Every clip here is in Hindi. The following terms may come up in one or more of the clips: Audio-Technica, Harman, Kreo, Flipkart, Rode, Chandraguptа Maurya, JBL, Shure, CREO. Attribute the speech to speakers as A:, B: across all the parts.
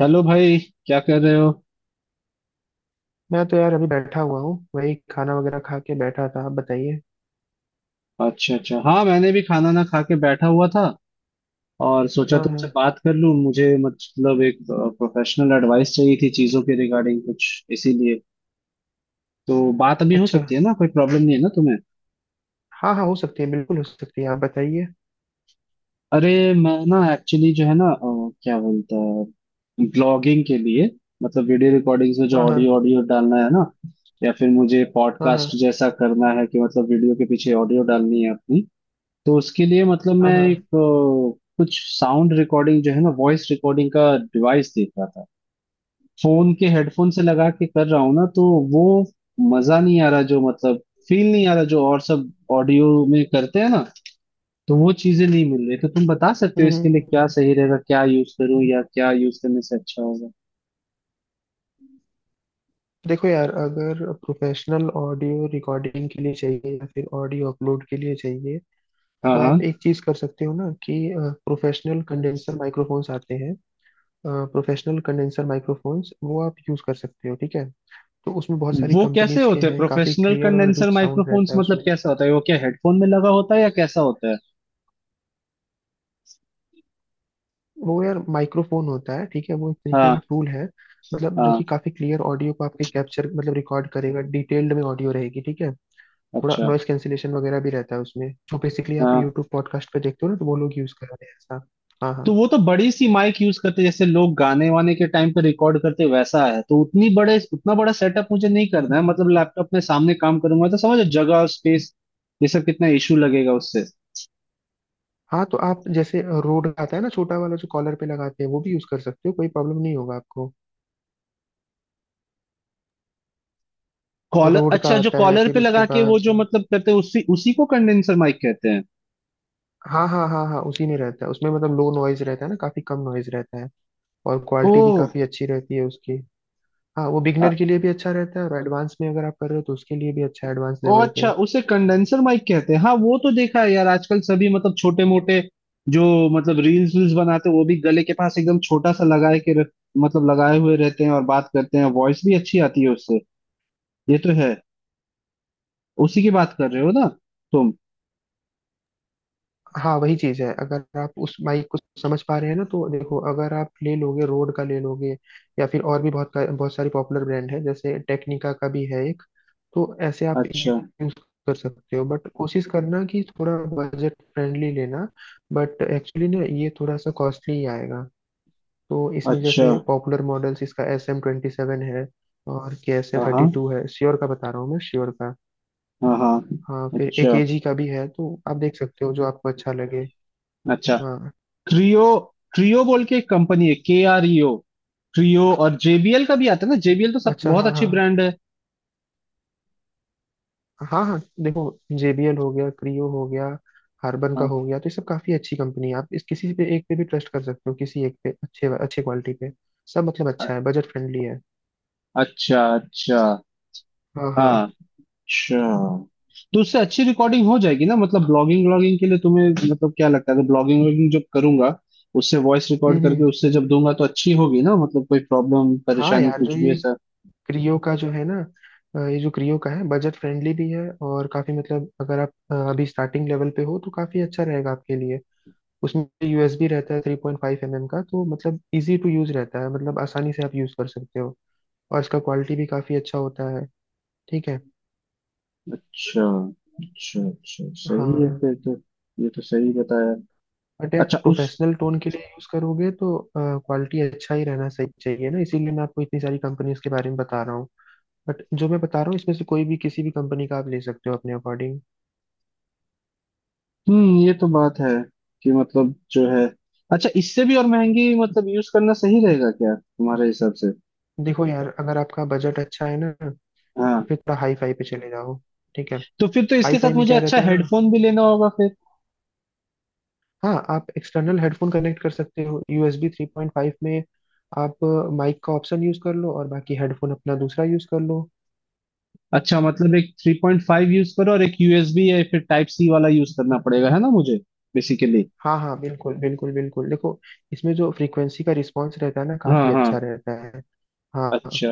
A: चलो भाई। क्या कर रहे हो।
B: मैं तो यार अभी बैठा हुआ हूँ। वही खाना वगैरह खा के बैठा था। आप बताइए।
A: अच्छा, अच्छा। हाँ, मैंने भी खाना ना खा के बैठा हुआ था और सोचा
B: हाँ हाँ।
A: तुमसे बात कर लूं। मुझे मतलब एक प्रोफेशनल एडवाइस चाहिए थी चीजों के रिगार्डिंग, कुछ इसीलिए। तो बात अभी हो
B: अच्छा।
A: सकती है ना, कोई प्रॉब्लम नहीं है ना तुम्हें।
B: हाँ हाँ, हो सकती है, बिल्कुल हो सकती है। आप बताइए।
A: अरे, मैं ना एक्चुअली जो है ना क्या बोलता है, ब्लॉगिंग के लिए। मतलब वीडियो रिकॉर्डिंग्स में जो
B: हाँ
A: ऑडियो
B: हाँ
A: ऑडियो डालना है ना, या फिर मुझे
B: हाँ हाँ
A: पॉडकास्ट जैसा करना है, कि मतलब वीडियो के पीछे ऑडियो डालनी है अपनी। तो उसके लिए मतलब
B: हाँ
A: मैं एक
B: हाँ।
A: कुछ साउंड रिकॉर्डिंग जो है ना, वॉइस रिकॉर्डिंग का डिवाइस देख रहा था। फोन के हेडफोन से लगा के कर रहा हूँ ना, तो वो मजा नहीं आ रहा जो, मतलब फील नहीं आ रहा जो और सब ऑडियो में करते हैं ना। तो वो चीजें नहीं मिल रही। तो तुम बता सकते
B: हम्म
A: हो इसके
B: हम्म,
A: लिए
B: हम्म।
A: क्या सही रहेगा, क्या यूज करूँ या क्या यूज करने से अच्छा होगा।
B: देखो यार, अगर प्रोफेशनल ऑडियो रिकॉर्डिंग के लिए चाहिए या फिर ऑडियो अपलोड के लिए चाहिए
A: हाँ,
B: तो
A: हाँ।
B: आप एक चीज कर सकते हो ना कि प्रोफेशनल कंडेंसर माइक्रोफोन्स आते हैं। प्रोफेशनल कंडेंसर माइक्रोफोन्स वो आप यूज कर सकते हो। ठीक है। तो उसमें बहुत सारी
A: वो कैसे
B: कंपनीज के
A: होते हैं
B: हैं, काफी
A: प्रोफेशनल
B: क्लियर और
A: कंडेंसर
B: रिच साउंड
A: माइक्रोफोन्स,
B: रहता है
A: मतलब
B: उसमें।
A: कैसा होता है वो, क्या हेडफोन में लगा होता है या कैसा होता है।
B: वो यार माइक्रोफोन होता है। ठीक है। वो एक तरीके
A: हाँ,
B: का टूल है। मतलब जो कि
A: हाँ।
B: काफी क्लियर ऑडियो को आपके कैप्चर मतलब रिकॉर्ड करेगा, डिटेल्ड में ऑडियो रहेगी। ठीक है। थोड़ा
A: अच्छा।
B: नॉइस कैंसिलेशन वगैरह भी रहता है उसमें, जो बेसिकली आप
A: हाँ,
B: यूट्यूब पॉडकास्ट पे देखते हो ना, तो वो लोग यूज कर रहे हैं ऐसा। हाँ हाँ।
A: तो वो तो बड़ी सी माइक यूज करते हैं, जैसे लोग गाने वाने के टाइम पे रिकॉर्ड करते हैं, वैसा है तो उतनी बड़े उतना बड़ा सेटअप मुझे नहीं करना है, मतलब लैपटॉप में सामने काम करूंगा तो समझो जगह और स्पेस ये सब कितना इशू लगेगा उससे।
B: हाँ, तो आप जैसे रोड का आता है ना छोटा वाला जो कॉलर पे लगाते हैं, वो भी यूज कर सकते हो, कोई प्रॉब्लम नहीं होगा आपको।
A: कॉलर,
B: रोड का
A: अच्छा, जो
B: आता है
A: कॉलर
B: फिर
A: पे
B: उसके
A: लगा के वो
B: बाद।
A: जो मतलब करते हैं उसी उसी को कंडेंसर माइक कहते हैं।
B: हाँ हाँ हाँ हाँ, उसी में रहता है उसमें। मतलब लो नॉइज रहता है ना, काफी कम नॉइज रहता है। और
A: ओ।
B: क्वालिटी भी काफी अच्छी रहती है उसकी। हाँ, वो बिगनर के लिए भी अच्छा रहता है और एडवांस में अगर आप कर रहे हो तो उसके लिए भी अच्छा है, एडवांस
A: ओ,
B: लेवल
A: अच्छा,
B: पे।
A: उसे कंडेंसर माइक कहते हैं। हाँ, वो तो देखा है यार आजकल सभी, मतलब छोटे मोटे जो मतलब रील्स वील्स बनाते हैं, वो भी गले के पास एकदम छोटा सा लगाए के रख, मतलब लगाए हुए रहते हैं और बात करते हैं, वॉइस भी अच्छी आती है उससे। ये तो है। उसी की बात कर रहे हो ना तुम।
B: हाँ, वही चीज़ है। अगर आप उस माइक को समझ पा रहे हैं ना, तो देखो, अगर आप ले लोगे रोड का ले लोगे, या फिर और भी बहुत बहुत सारी पॉपुलर ब्रांड है, जैसे टेक्निका का भी है एक। तो ऐसे आप
A: अच्छा,
B: यूज कर सकते हो, बट कोशिश करना कि थोड़ा बजट फ्रेंडली लेना। बट एक्चुअली ना ये थोड़ा सा कॉस्टली ही आएगा। तो इसमें
A: अच्छा।
B: जैसे पॉपुलर मॉडल्स इसका SM27 है, और के एस एम
A: हाँ,
B: थर्टी
A: हाँ।
B: टू है। श्योर का बता रहा हूँ मैं, श्योर का।
A: हाँ, हाँ।
B: हाँ, फिर एक
A: अच्छा,
B: एजी का भी है, तो आप देख सकते हो जो आपको अच्छा लगे।
A: अच्छा।
B: हाँ।
A: क्रियो, क्रियो बोल के एक कंपनी है, KREO, क्रियो। और JBL का भी आता है ना, JBL तो सब
B: अच्छा।
A: बहुत
B: हाँ
A: अच्छी
B: हाँ
A: ब्रांड है।
B: हाँ हाँ हाँ, देखो, जेबीएल हो गया, क्रियो हो गया, हार्बन का
A: हाँ।
B: हो गया, तो ये सब काफी अच्छी कंपनी है। आप इस किसी पे, एक पे भी ट्रस्ट कर सकते हो, किसी एक पे अच्छे अच्छे क्वालिटी पे। सब मतलब
A: अ-
B: अच्छा है, बजट फ्रेंडली है।
A: अच्छा, अच्छा।
B: हाँ हाँ।
A: हाँ, अच्छा, तो उससे अच्छी रिकॉर्डिंग हो जाएगी ना, मतलब ब्लॉगिंग व्लॉगिंग के लिए तुम्हें मतलब क्या लगता है। तो ब्लॉगिंग व्लॉगिंग जब करूंगा, उससे वॉइस रिकॉर्ड
B: हम्म।
A: करके उससे जब दूंगा तो अच्छी होगी ना, मतलब कोई प्रॉब्लम
B: हाँ
A: परेशानी
B: यार, जो
A: कुछ भी
B: ये
A: ऐसा।
B: क्रियो का जो है ना, ये जो क्रियो का है बजट फ्रेंडली भी है, और काफी मतलब अगर आप अभी स्टार्टिंग लेवल पे हो तो काफी अच्छा रहेगा आपके लिए। उसमें यूएसबी रहता है 3.5 mm का, तो मतलब इजी टू यूज रहता है, मतलब आसानी से आप यूज कर सकते हो। और इसका क्वालिटी भी काफी अच्छा होता है। ठीक है।
A: अच्छा, अच्छा। अच्छा, सही है
B: हाँ,
A: फिर तो। ये तो सही बताया।
B: बट यार
A: अच्छा। उस
B: प्रोफेशनल टोन के लिए यूज करोगे तो क्वालिटी अच्छा ही रहना सही चाहिए ना, इसीलिए मैं आपको इतनी सारी कंपनीज के बारे में बता रहा हूँ। बट जो मैं बता रहा हूँ इसमें से कोई भी किसी भी कंपनी का आप ले सकते हो अपने अकॉर्डिंग।
A: ये तो बात है कि मतलब जो है। अच्छा, इससे भी और महंगी मतलब यूज करना सही रहेगा क्या तुम्हारे हिसाब से।
B: देखो यार, अगर आपका बजट अच्छा है ना तो
A: हाँ,
B: फिर थोड़ा हाई फाई पे चले जाओ। ठीक है।
A: तो फिर तो
B: हाई
A: इसके
B: फाई
A: साथ
B: में
A: मुझे
B: क्या
A: अच्छा
B: रहता है ना,
A: हेडफोन भी लेना होगा फिर।
B: हाँ, आप एक्सटर्नल हेडफोन कनेक्ट कर सकते हो यूएसबी 3.5 mm में। आप माइक का ऑप्शन यूज कर लो और बाकी हेडफोन अपना दूसरा यूज कर लो।
A: अच्छा, मतलब एक 3.5 यूज करो और एक USB या फिर टाइप सी वाला यूज करना पड़ेगा है ना मुझे, बेसिकली।
B: हाँ हाँ बिल्कुल बिल्कुल बिल्कुल, देखो, इसमें जो फ्रीक्वेंसी का रिस्पॉन्स रहता है ना काफी
A: हाँ, हाँ।
B: अच्छा रहता है। हाँ,
A: अच्छा।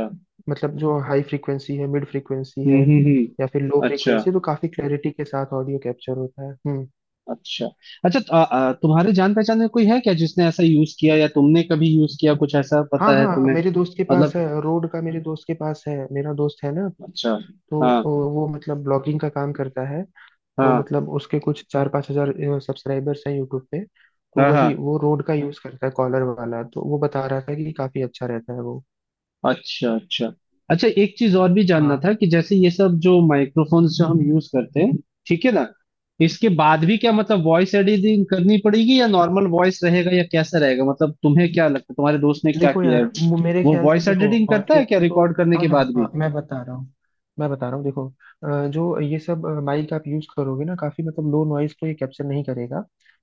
B: मतलब जो हाई फ्रीक्वेंसी है, मिड फ्रीक्वेंसी
A: हम्म,
B: है
A: हम्म,
B: या फिर लो
A: हम्म। अच्छा,
B: फ्रीक्वेंसी, तो काफी क्लैरिटी के साथ ऑडियो कैप्चर होता है। हम्म।
A: अच्छा। अच्छा तो, आ, आ, तुम्हारे जान पहचान में कोई है क्या जिसने ऐसा यूज किया या तुमने कभी यूज किया, कुछ ऐसा
B: हाँ
A: पता है
B: हाँ,
A: तुम्हें।
B: मेरे दोस्त के पास
A: मतलब।
B: है रोड का, मेरे दोस्त के पास है, मेरा दोस्त है ना,
A: अच्छा।
B: तो
A: हाँ,
B: वो मतलब ब्लॉगिंग का काम करता है, तो
A: हाँ।
B: मतलब उसके कुछ चार पाँच हजार सब्सक्राइबर्स हैं यूट्यूब पे। तो
A: हाँ, हाँ।
B: वही वो रोड का यूज करता है, कॉलर वाला, तो वो बता रहा था कि काफी अच्छा रहता है वो।
A: अच्छा, अच्छा। अच्छा, एक चीज और भी जानना
B: हाँ।
A: था कि जैसे ये सब जो माइक्रोफोन्स जो हम यूज करते हैं, ठीक है ना, इसके बाद भी क्या मतलब वॉइस एडिटिंग करनी पड़ेगी या नॉर्मल वॉइस रहेगा या कैसा रहेगा, मतलब तुम्हें क्या लगता है, तुम्हारे दोस्त ने क्या
B: देखो
A: किया
B: यार
A: है,
B: मेरे
A: वो
B: ख्याल से
A: वॉइस
B: देखो,
A: एडिटिंग करता है क्या
B: ऑडियो तो
A: रिकॉर्ड करने
B: हाँ
A: के
B: हाँ
A: बाद
B: हाँ,
A: भी।
B: मैं बता रहा हूँ। मैं बता रहा हूँ, देखो, जो ये सब माइक आप यूज करोगे ना, काफी मतलब लो नॉइज तो ये कैप्चर नहीं करेगा,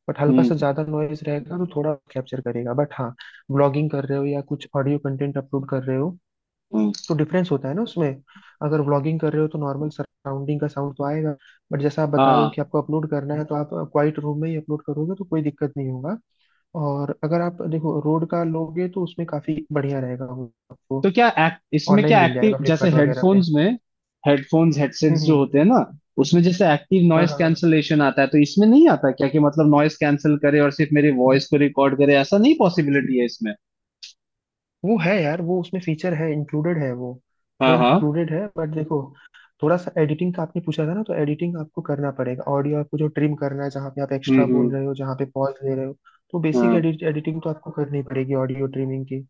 B: बट हल्का
A: हम्म,
B: सा ज्यादा नॉइज रहेगा तो थोड़ा कैप्चर करेगा, बट हाँ, ब्लॉगिंग कर रहे हो या कुछ ऑडियो कंटेंट अपलोड कर रहे हो
A: हम्म।
B: तो डिफरेंस होता है ना उसमें। अगर व्लॉगिंग कर रहे हो तो नॉर्मल सराउंडिंग का साउंड तो आएगा, बट जैसा आप बता रहे हो
A: हाँ,
B: कि आपको अपलोड करना है, तो आप क्वाइट रूम में ही अपलोड करोगे तो कोई दिक्कत नहीं होगा। और अगर आप देखो रोड का लोगे तो उसमें काफी बढ़िया रहेगा, वो
A: तो
B: आपको
A: क्या इसमें
B: ऑनलाइन
A: क्या
B: मिल
A: एक्टिव,
B: जाएगा
A: जैसे
B: फ्लिपकार्ट वगैरह पे।
A: हेडफोन्स में, हेडफोन्स हेडसेट्स
B: हम्म।
A: जो होते हैं ना, उसमें जैसे एक्टिव
B: हाँ
A: नॉइस
B: हाँ हाँ।
A: कैंसलेशन आता है, तो इसमें नहीं आता क्या कि मतलब नॉइस कैंसिल करे और सिर्फ मेरी वॉइस को रिकॉर्ड करे, ऐसा नहीं पॉसिबिलिटी है इसमें।
B: वो है यार, वो उसमें फीचर है, इंक्लूडेड है वो। वो
A: हाँ, हाँ।
B: इंक्लूडेड है, बट देखो, थोड़ा सा एडिटिंग का आपने पूछा था ना, तो एडिटिंग आपको करना पड़ेगा। ऑडियो आपको जो ट्रिम करना है, जहाँ पे आप
A: हम्म,
B: एक्स्ट्रा बोल
A: हम्म।
B: रहे हो, जहाँ पे पॉज ले रहे हो, तो बेसिक
A: हाँ,
B: एडिटिंग तो आपको करनी पड़ेगी, ऑडियो ट्रिमिंग की।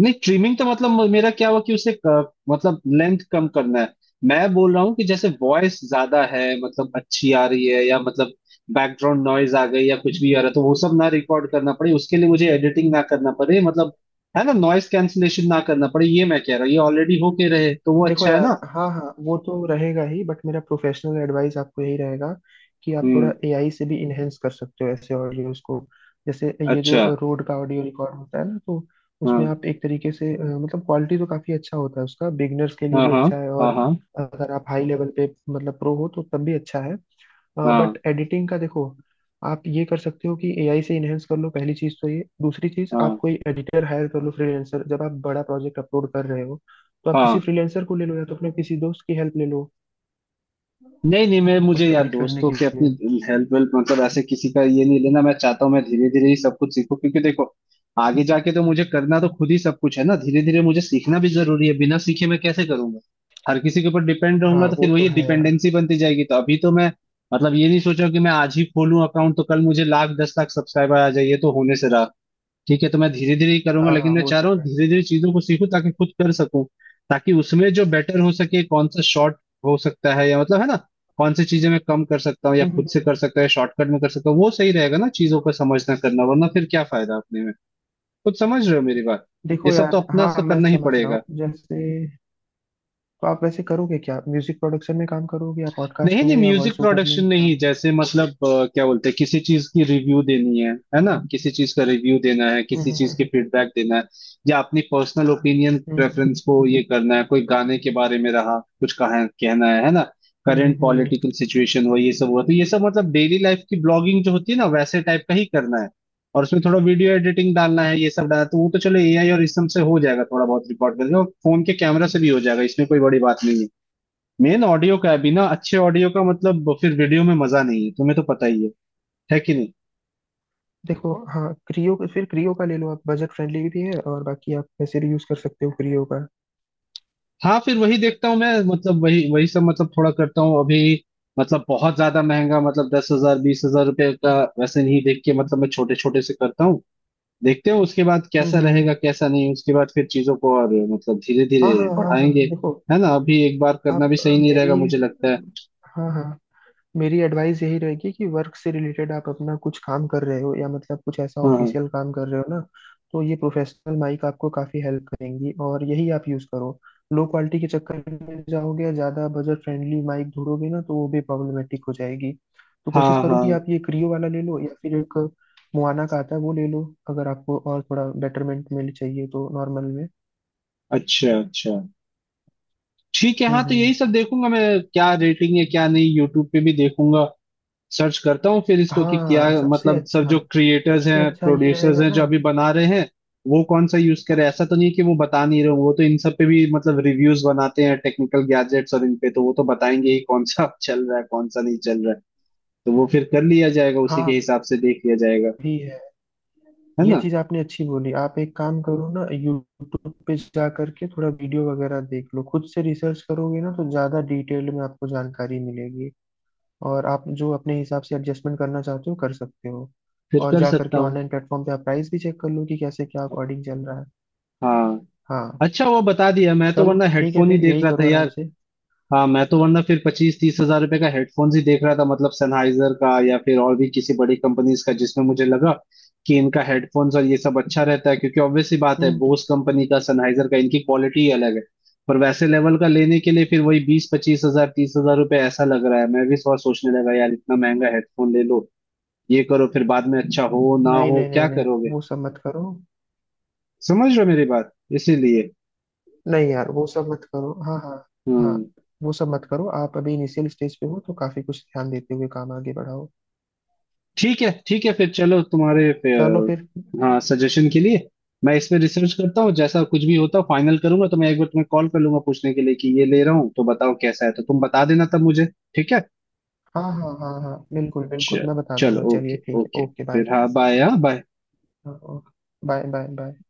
A: नहीं ट्रिमिंग तो मतलब मेरा क्या हुआ कि उसे मतलब लेंथ कम करना है। मैं बोल रहा हूँ कि जैसे वॉइस ज्यादा है, मतलब अच्छी आ रही है, या मतलब बैकग्राउंड नॉइज आ गई या कुछ भी आ रहा है तो वो सब ना रिकॉर्ड करना पड़े, उसके लिए मुझे एडिटिंग ना करना पड़े, मतलब है ना, नॉइस कैंसलेशन ना करना पड़े, ये मैं कह रहा हूँ। ये ऑलरेडी होके रहे तो वो
B: देखो
A: अच्छा है
B: यार,
A: ना।
B: हाँ हाँ, वो तो रहेगा ही, बट मेरा प्रोफेशनल एडवाइस आपको यही रहेगा कि आप
A: हम्म।
B: थोड़ा एआई से भी इनहेंस कर सकते हो ऐसे ऑडियोज को। जैसे ये जो
A: अच्छा।
B: रोड का ऑडियो रिकॉर्ड होता है ना, तो उसमें
A: हाँ,
B: आप एक तरीके से मतलब क्वालिटी तो काफी अच्छा होता है उसका, बिगनर्स के लिए
A: हाँ।
B: भी
A: हाँ,
B: अच्छा है,
A: हाँ।
B: और
A: हाँ,
B: अगर आप हाई लेवल पे मतलब प्रो हो तो तब भी अच्छा है।
A: हाँ।
B: बट एडिटिंग का देखो, आप ये कर सकते हो कि एआई से इनहेंस कर लो, पहली चीज तो ये, दूसरी चीज आप
A: हाँ,
B: कोई एडिटर हायर कर लो, फ्रीलांसर, जब आप बड़ा प्रोजेक्ट अपलोड कर रहे हो तो आप किसी
A: हाँ।
B: फ्रीलांसर को ले लो, या तो अपने किसी दोस्त की हेल्प ले लो
A: नहीं, नहीं। मैं, मुझे
B: उसको
A: यार
B: एडिट करने
A: दोस्तों
B: के
A: के अपनी
B: लिए।
A: हेल्प वेल्प मतलब ऐसे किसी का ये नहीं लेना। मैं चाहता हूँ मैं धीरे धीरे ही सब कुछ सीखूं, क्योंकि देखो आगे जाके तो मुझे करना तो खुद ही सब कुछ है ना। धीरे धीरे मुझे सीखना भी जरूरी है, बिना सीखे मैं कैसे करूंगा। हर किसी के ऊपर डिपेंड रहूंगा
B: हाँ
A: तो
B: वो
A: फिर
B: तो
A: वही
B: है यार।
A: डिपेंडेंसी बनती जाएगी। तो अभी तो मैं मतलब ये नहीं सोचा कि मैं आज ही खोलूं अकाउंट तो कल मुझे लाख 10 लाख सब्सक्राइबर आ जाए, ये तो होने से रहा। ठीक है, तो मैं धीरे धीरे ही करूंगा,
B: हाँ
A: लेकिन
B: हाँ,
A: मैं
B: वो
A: चाह रहा
B: तो
A: हूँ
B: है
A: धीरे धीरे चीजों को सीखूं ताकि खुद कर सकूं। ताकि उसमें जो बेटर हो सके, कौन सा शॉर्ट हो सकता है, या मतलब है ना, कौन सी चीजें मैं कम कर सकता हूँ या
B: हम्म,
A: खुद से
B: हम्म,
A: कर
B: हम्म।
A: सकता है, शॉर्टकट में कर सकता हूँ, वो सही रहेगा ना, चीजों का समझना करना वरना फिर क्या फायदा अपने में। खुद समझ रहे हो मेरी बात। ये
B: देखो
A: सब तो
B: यार,
A: अपना
B: हाँ,
A: से
B: मैं
A: करना ही
B: समझ रहा
A: पड़ेगा।
B: हूँ, जैसे, तो आप वैसे करोगे क्या, म्यूजिक प्रोडक्शन में काम करोगे या
A: नहीं,
B: पॉडकास्ट
A: नहीं,
B: में या
A: म्यूजिक
B: वॉइस ओवर में
A: प्रोडक्शन
B: क्या?
A: नहीं, जैसे मतलब क्या बोलते हैं, किसी चीज की रिव्यू देनी है ना, किसी चीज का रिव्यू देना है, किसी चीज की फीडबैक देना है, या अपनी पर्सनल ओपिनियन
B: हम्म।
A: प्रेफरेंस को ये करना है, कोई गाने के बारे में रहा कुछ कहा कहना है ना,
B: हम्म
A: current
B: hmm, hmm,
A: political situation हो, ये सब हुआ, तो ये सब मतलब डेली लाइफ की ब्लॉगिंग जो होती है ना, वैसे टाइप का ही करना है। और उसमें थोड़ा वीडियो एडिटिंग डालना है, ये सब डालना है, तो वो तो चलो AI और इस सब से हो जाएगा, थोड़ा बहुत रिकॉर्ड करके, और फोन के कैमरा से भी हो जाएगा, इसमें कोई बड़ी बात नहीं है। मेन ऑडियो का है, बिना अच्छे ऑडियो का मतलब फिर वीडियो में मजा नहीं है, तुम्हें तो पता ही है कि नहीं।
B: देखो हाँ, क्रियो का, फिर क्रियो का ले लो आप, बजट फ्रेंडली भी है और बाकी आप वैसे भी यूज कर सकते हो क्रियो का।
A: हाँ, फिर वही देखता हूँ मैं, मतलब वही वही सब मतलब थोड़ा करता हूँ अभी। मतलब बहुत ज्यादा महंगा, मतलब 10 हजार 20 हजार रुपये का वैसे नहीं देख के, मतलब मैं छोटे छोटे से करता हूँ। देखते हैं उसके बाद
B: हम्म
A: कैसा
B: हम्म
A: रहेगा
B: हम्म।
A: कैसा नहीं, उसके बाद फिर चीजों को और मतलब धीरे
B: हाँ
A: धीरे
B: हाँ हाँ हाँ,
A: बढ़ाएंगे,
B: देखो,
A: है ना। अभी एक बार करना भी
B: आप
A: सही नहीं रहेगा
B: मेरी,
A: मुझे लगता है।
B: हाँ हाँ, मेरी एडवाइस यही रहेगी कि वर्क से रिलेटेड आप अपना कुछ काम कर रहे हो या मतलब कुछ ऐसा
A: हाँ,
B: ऑफिशियल काम कर रहे हो ना, तो ये प्रोफेशनल माइक आपको काफ़ी हेल्प करेंगी और यही आप यूज़ करो। लो क्वालिटी के चक्कर में जाओगे या ज़्यादा बजट फ्रेंडली माइक ढूंढोगे ना, तो वो भी प्रॉब्लमेटिक हो जाएगी। तो
A: हाँ।
B: कोशिश
A: हाँ,
B: करो कि
A: हाँ।
B: आप ये क्रियो वाला ले लो, या फिर एक मुआना का आता है वो ले लो, अगर आपको और थोड़ा बेटरमेंट में चाहिए, तो नॉर्मल में।
A: अच्छा, अच्छा। ठीक है। हाँ, तो
B: हम्म।
A: यही सब देखूंगा मैं, क्या रेटिंग है क्या नहीं। यूट्यूब पे भी देखूंगा, सर्च करता हूँ फिर इसको कि क्या
B: हाँ, सबसे
A: मतलब सब
B: अच्छा,
A: जो क्रिएटर्स
B: सबसे
A: हैं
B: अच्छा ये
A: प्रोड्यूसर्स
B: रहेगा
A: हैं जो
B: ना।
A: अभी बना रहे हैं वो कौन सा यूज करे। ऐसा तो नहीं है कि वो बता नहीं रहे हों, वो तो इन सब पे भी मतलब रिव्यूज बनाते हैं टेक्निकल गैजेट्स और इन पे, तो वो तो बताएंगे ही कौन सा चल रहा है कौन सा नहीं चल रहा है। तो वो फिर कर लिया जाएगा, उसी के
B: हाँ,
A: हिसाब से देख लिया जाएगा,
B: भी है।
A: है
B: ये
A: ना,
B: चीज आपने अच्छी बोली, आप एक काम करो ना, यूट्यूब पे जा करके थोड़ा वीडियो वगैरह देख लो, खुद से रिसर्च करोगे ना तो ज्यादा डिटेल में आपको जानकारी मिलेगी, और आप जो अपने हिसाब से एडजस्टमेंट करना चाहते हो कर सकते हो।
A: फिर
B: और
A: कर
B: जा
A: सकता
B: करके
A: हूँ।
B: ऑनलाइन प्लेटफॉर्म पे आप प्राइस भी चेक कर लो कि कैसे क्या अकॉर्डिंग चल रहा है।
A: हाँ,
B: हाँ।
A: अच्छा, वो बता दिया मैं, तो
B: चलो
A: वरना
B: ठीक है,
A: हेडफोन ही
B: फिर
A: देख
B: यही
A: रहा था
B: करो आराम
A: यार।
B: से।
A: हाँ, मैं तो वरना फिर 25-30 हजार रुपए का हेडफोन्स ही देख रहा था, मतलब सनहाइजर का या फिर और भी किसी बड़ी कंपनीज का जिसमें मुझे लगा कि इनका हेडफोन्स और ये सब अच्छा रहता है, क्योंकि ऑब्वियस सी बात है,
B: हम्म।
A: बोस कंपनी का, सनहाइजर का, इनकी क्वालिटी ही अलग है। पर वैसे लेवल का लेने के लिए फिर वही 20-25-30 हजार रुपए, ऐसा लग रहा है। मैं भी और सोचने लगा यार इतना महंगा हेडफोन ले लो, ये करो, फिर बाद में अच्छा हो ना
B: नहीं
A: हो
B: नहीं
A: क्या
B: नहीं नहीं,
A: करोगे।
B: वो सब मत करो।
A: समझ रहे हो मेरी बात, इसीलिए।
B: नहीं यार, वो सब मत करो। हाँ हाँ। हाँ।
A: हम्म।
B: वो सब मत करो। आप अभी इनिशियल स्टेज पे हो तो काफी कुछ ध्यान देते हुए काम आगे बढ़ाओ।
A: ठीक है, ठीक है, फिर चलो। तुम्हारे
B: चलो फिर।
A: हाँ, सजेशन के लिए मैं इसमें रिसर्च करता हूँ, जैसा कुछ भी होता फाइनल करूंगा तो मैं एक बार तुम्हें कॉल कर लूंगा पूछने के लिए कि ये ले रहा हूँ तो बताओ कैसा है, तो तुम बता देना तब मुझे। ठीक है।
B: हाँ हाँ हाँ हाँ बिल्कुल बिल्कुल,
A: चलो,
B: मैं बता
A: चलो।
B: दूंगा। चलिए
A: ओके,
B: ठीक है,
A: ओके।
B: Okay bye.
A: फिर हाँ बाय, हाँ बाय।
B: हाँ, ओके बाय बाय बाय।